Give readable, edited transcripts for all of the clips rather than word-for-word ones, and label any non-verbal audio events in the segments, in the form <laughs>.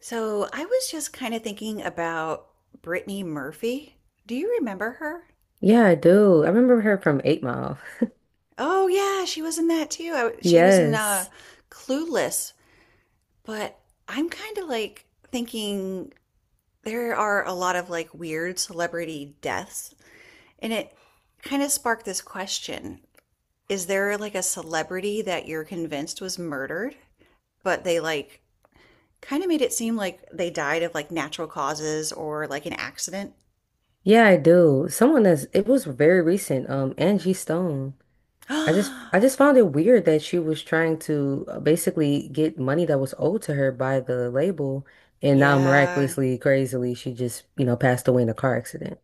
So I was just kind of thinking about Brittany Murphy. Do you remember her? Yeah, I do. I remember her from Eight Mile. <laughs> Oh yeah, she was in that too. She was in Yes. Clueless. But I'm kind of like thinking there are a lot of like weird celebrity deaths, and it kind of sparked this question. Is there like a celebrity that you're convinced was murdered, but they like kind of made it seem like they died of like natural causes or like an accident? Yeah, I do. Someone that's It was very recent, Angie Stone. I just I <gasps> just found it weird that she was trying to basically get money that was owed to her by the label, and now Yeah, miraculously, crazily, she just passed away in a car accident.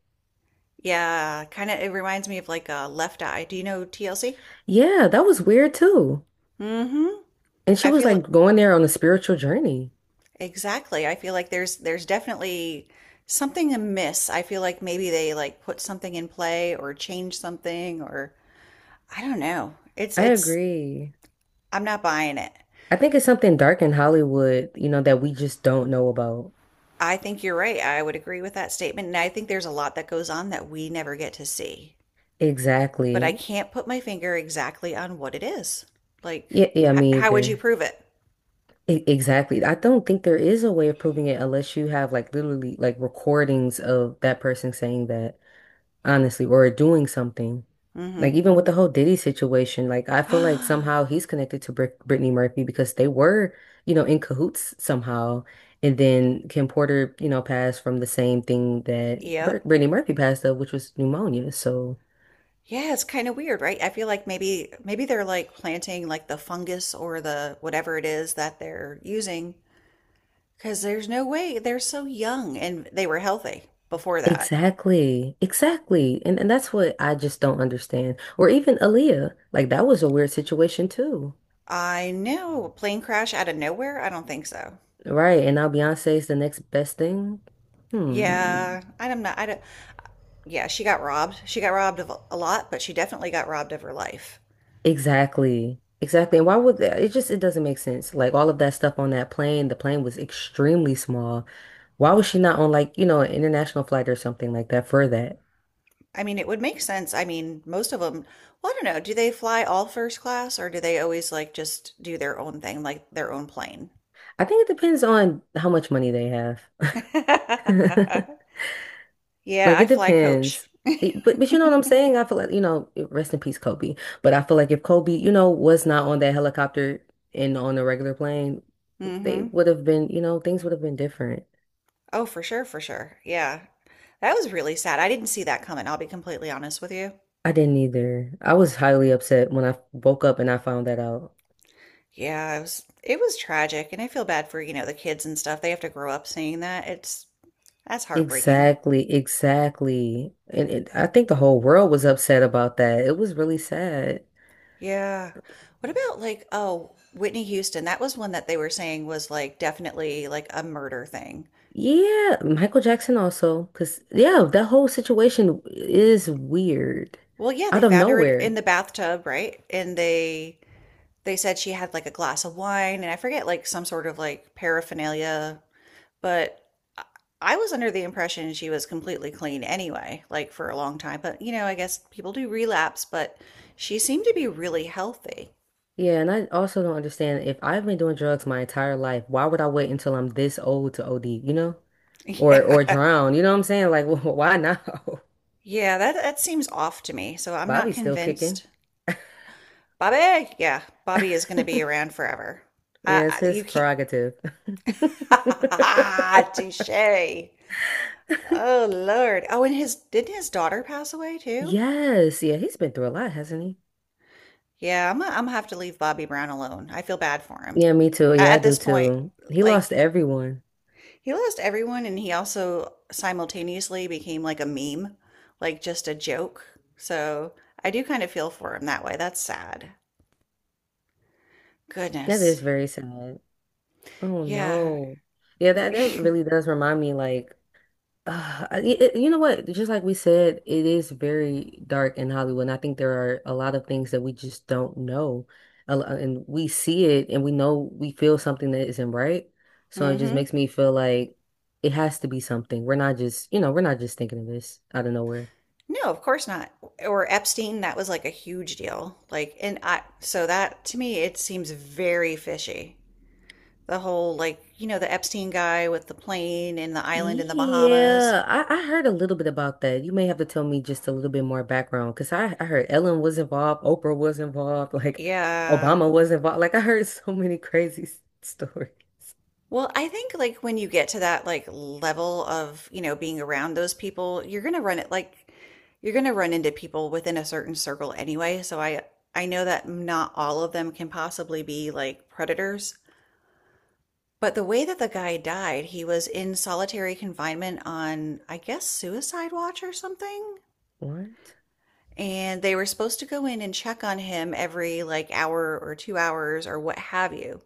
Yeah, kind of. It reminds me of like a Left Eye. Do you know TLC? Yeah, that was weird too. Mm-hmm. And she I was feel like going there on a spiritual journey. exactly. I feel like there's definitely something amiss. I feel like maybe they like put something in play or change something or I don't know. It's I it's agree. I'm not buying it. I think it's something dark in Hollywood, you know, that we just don't know about. I think you're right. I would agree with that statement and I think there's a lot that goes on that we never get to see. But I Exactly. can't put my finger exactly on what it is. Like Yeah, yeah, me how would you either. prove it? Exactly. I don't think there is a way of proving it unless you have like literally like recordings of that person saying that, honestly, or doing something. Mm-hmm. Like even with the whole Diddy situation, like I feel like <gasps> somehow he's connected to Brittany Murphy because they were, you know, in cahoots somehow. And then Kim Porter, you know, passed from the same thing that Br Yep. Brittany Murphy passed of, which was pneumonia. So. Yeah, it's kind of weird, right? I feel like maybe they're like planting like the fungus or the whatever it is that they're using because there's no way they're so young and they were healthy before that. Exactly. Exactly. And that's what I just don't understand. Or even Aaliyah. Like that was a weird situation too. I know, plane crash out of nowhere? I don't think so. Right. And now Beyonce is the next best thing. Hmm. Yeah, I do not know. I don't yeah, she got robbed. She got robbed of a lot, but she definitely got robbed of her life. Exactly. Exactly. And why would that? It just it doesn't make sense. Like all of that stuff on that plane, the plane was extremely small. Why was she not on like, you know, an international flight or something like that for that? I mean, it would make sense. I mean, most of them, well, I don't know, do they fly all first class or do they always like just do their own thing, like their own plane? I think it depends on how much money they have. <laughs> <laughs> Yeah, Like I it fly coach. depends. But you know what I'm saying? I feel like, you know, rest in peace, Kobe. But I feel like if Kobe, you know, was not on that helicopter and on a regular plane, Mm they hmm. would have been, you know, things would have been different. Oh, for sure, for sure. Yeah. That was really sad. I didn't see that coming. I'll be completely honest with you. I didn't either. I was highly upset when I woke up and I found that out. Yeah, it was tragic, and I feel bad for, you know, the kids and stuff. They have to grow up seeing that. It's that's heartbreaking. Exactly, exactly. I think the whole world was upset about that. It was really sad. Yeah. What about like, oh, Whitney Houston? That was one that they were saying was like definitely like a murder thing. Yeah, Michael Jackson also, because yeah, that whole situation is weird. Well, yeah, they Out of found her in nowhere. the bathtub, right? And they said she had like a glass of wine and I forget like some sort of like paraphernalia, but I- was under the impression she was completely clean anyway, like for a long time. But you know, I guess people do relapse, but she seemed to be really healthy. <laughs> Yeah, and I also don't understand if I've been doing drugs my entire life, why would I wait until I'm this old to OD, you know? Or Yeah. drown, you know what I'm saying? Like, <laughs> why now? <laughs> Yeah, that seems off to me. So I'm not Bobby's still kicking. convinced. Bobby, yeah, Bobby is going to be <laughs> around forever. Yeah, it's his You can't. <laughs> prerogative. <laughs> Ha ha ha, Touche. Oh Lord. Oh, and his didn't his daughter pass away too? Yes, yeah, he's been through a lot, hasn't he? Yeah, I'm gonna have to leave Bobby Brown alone. I feel bad for him. Yeah, me too. Yeah, I At do this point, too. He like lost everyone. he lost everyone and he also simultaneously became like a meme, like just a joke. So I do kind of feel for him that way. That's sad. That is Goodness. very sad. Oh Yeah. no. Yeah, that that really <laughs> does remind me like you know what? Just like we said, it is very dark in Hollywood. And I think there are a lot of things that we just don't know. And we see it and we know we feel something that isn't right. So it just Mm-hmm. makes me feel like it has to be something. We're not just, you know, we're not just thinking of this out of nowhere. No, of course not. Or Epstein, that was like a huge deal. Like, and I, so that to me, it seems very fishy. The whole, like, you know, the Epstein guy with the plane in the island in the Bahamas. Yeah, I heard a little bit about that. You may have to tell me just a little bit more background because I heard Ellen was involved, Oprah was involved, like Yeah. Obama was involved. Like I heard <laughs> so many crazy stories. Well, I think like when you get to that like level of, you know, being around those people, you're gonna run into people within a certain circle anyway. So I know that not all of them can possibly be like predators. But the way that the guy died, he was in solitary confinement on, I guess, suicide watch or something. What? And they were supposed to go in and check on him every like hour or two hours or what have you.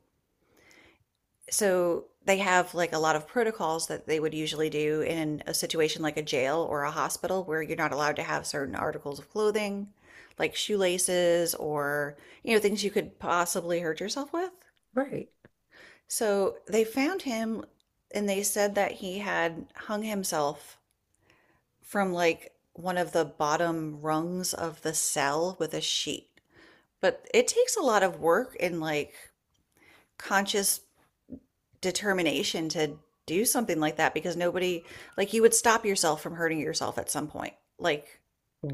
So they have like a lot of protocols that they would usually do in a situation like a jail or a hospital where you're not allowed to have certain articles of clothing, like shoelaces or, you know, things you could possibly hurt yourself with. Right. So they found him and they said that he had hung himself from like one of the bottom rungs of the cell with a sheet. But it takes a lot of work and like conscious determination to do something like that because nobody like you would stop yourself from hurting yourself at some point like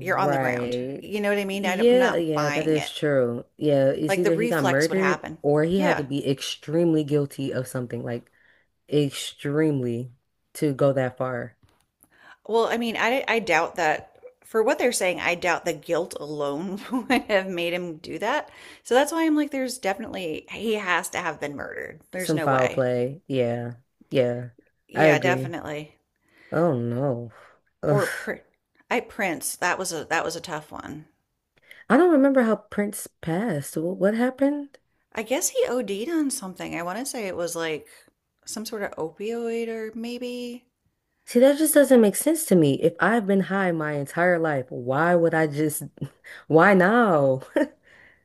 you're on the ground you know what I mean I am Yeah, not yeah, that buying it is true. Yeah, it's like the either he got reflex would murdered happen or he had yeah to be extremely guilty of something, like extremely to go that far. well I mean i doubt that for what they're saying I doubt the guilt alone <laughs> would have made him do that so that's why I'm like there's definitely he has to have been murdered there's Some no foul way play. Yeah. Yeah. I yeah agree. definitely Oh no. Ugh. or I prince that was a tough one I don't remember how Prince passed. What happened? I guess he OD'd on something. I want to say it was like some sort of opioid or maybe. See, that just doesn't make sense to me. If I've been high my entire life, why would I just, <laughs> why now? <laughs>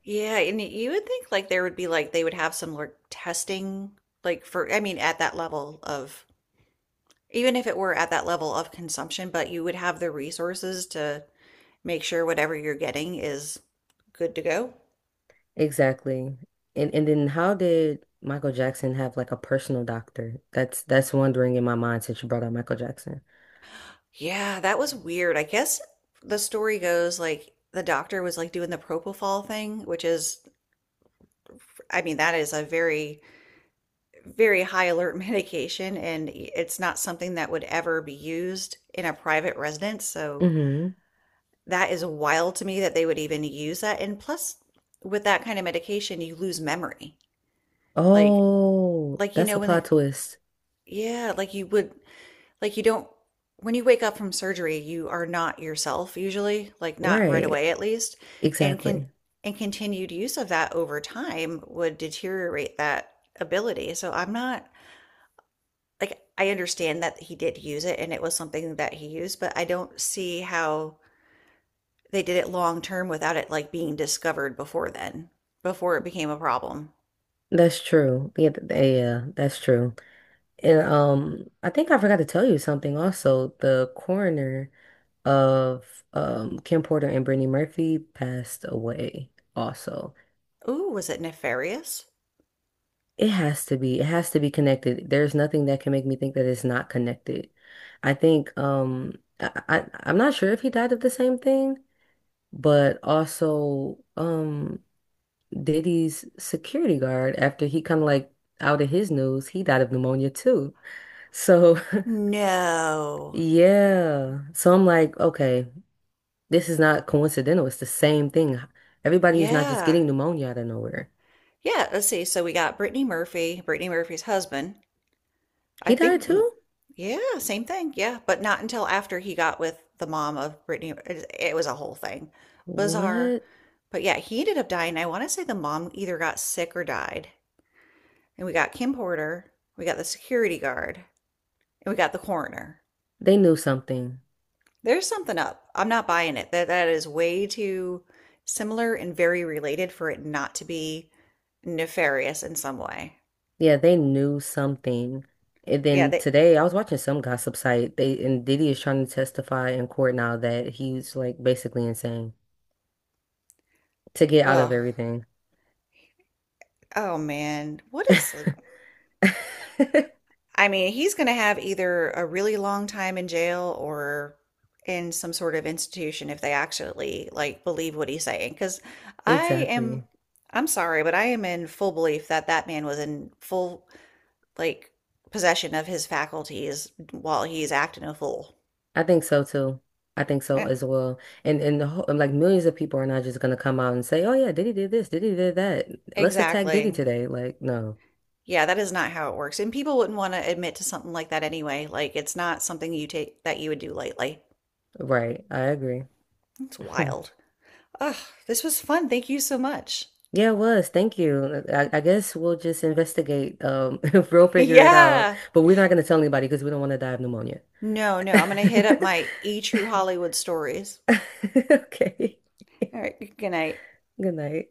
Yeah, and you would think like there would be like they would have some like testing like for I mean at that level of even if it were at that level of consumption, but you would have the resources to make sure whatever you're getting is good to go. Exactly. And then how did Michael Jackson have like a personal doctor? That's wondering in my mind since you brought up Michael Jackson. Yeah, that was weird. I guess the story goes like the doctor was like doing the propofol thing, which is I mean that is a very high alert <laughs> medication and it's not something that would ever be used in a private residence. So Hmm. that is wild to me that they would even use that. And plus, with that kind of medication, you lose memory. Like, Oh, like you that's know a when plot it, twist. yeah, like you would like you don't when you wake up from surgery, you are not yourself usually, like not right Right. away at least. And can Exactly. and continued use of that over time would deteriorate that ability. So I'm not like I understand that he did use it and it was something that he used, but I don't see how they did it long term without it like being discovered before then, before it became a problem. That's true. Yeah, yeah, that's true. And I think I forgot to tell you something also. The coroner of Kim Porter and Brittany Murphy passed away also. Ooh, was it nefarious? It has to be. It has to be connected. There's nothing that can make me think that it's not connected. I think um I I'm not sure if he died of the same thing, but also Diddy's security guard after he kind of like out of his news, he died of pneumonia too. So <laughs> No. yeah. So I'm like, okay, this is not coincidental. It's the same thing. Everybody is not just Yeah. getting pneumonia out of nowhere. Yeah, let's see. So we got Brittany Murphy, Brittany Murphy's husband. I He died think, mm, too? yeah, same thing. Yeah, but not until after he got with the mom of Brittany. It was a whole thing. Bizarre. What? But yeah, he ended up dying. I want to say the mom either got sick or died. And we got Kim Porter, we got the security guard, and we got the coroner. They knew something. There's something up. I'm not buying it. That is way too similar and very related for it not to be nefarious in some way. Yeah, they knew something. And Yeah, then they today I was watching some gossip site. They and Diddy is trying to testify in court now that he's like basically insane to get out of well, everything. oh man, what is <laughs> I mean, he's going to have either a really long time in jail or in some sort of institution if they actually like believe what he's saying. Because I am, Exactly. I'm sorry, but I am in full belief that that man was in full like possession of his faculties while he's acting a fool. I think so too. I think so Yeah, as well. And like millions of people are not just gonna come out and say, "Oh yeah, Diddy did this, Diddy did that. Let's attack Diddy exactly. today." Like, no. Yeah, that is not how it works. And people wouldn't want to admit to something like that anyway. Like it's not something you take that you would do lightly. Right. I agree. It's <laughs> wild. Ugh, this was fun. Thank you so much. <laughs> Yeah, it was. Thank you. I guess we'll just investigate. <laughs> If we'll figure it out. Yeah. But we're not going to tell anybody because we don't want to die of pneumonia. No, no, I'm gonna hit up <laughs> my E True Hollywood stories. <laughs> Okay. All right, good night. Good night.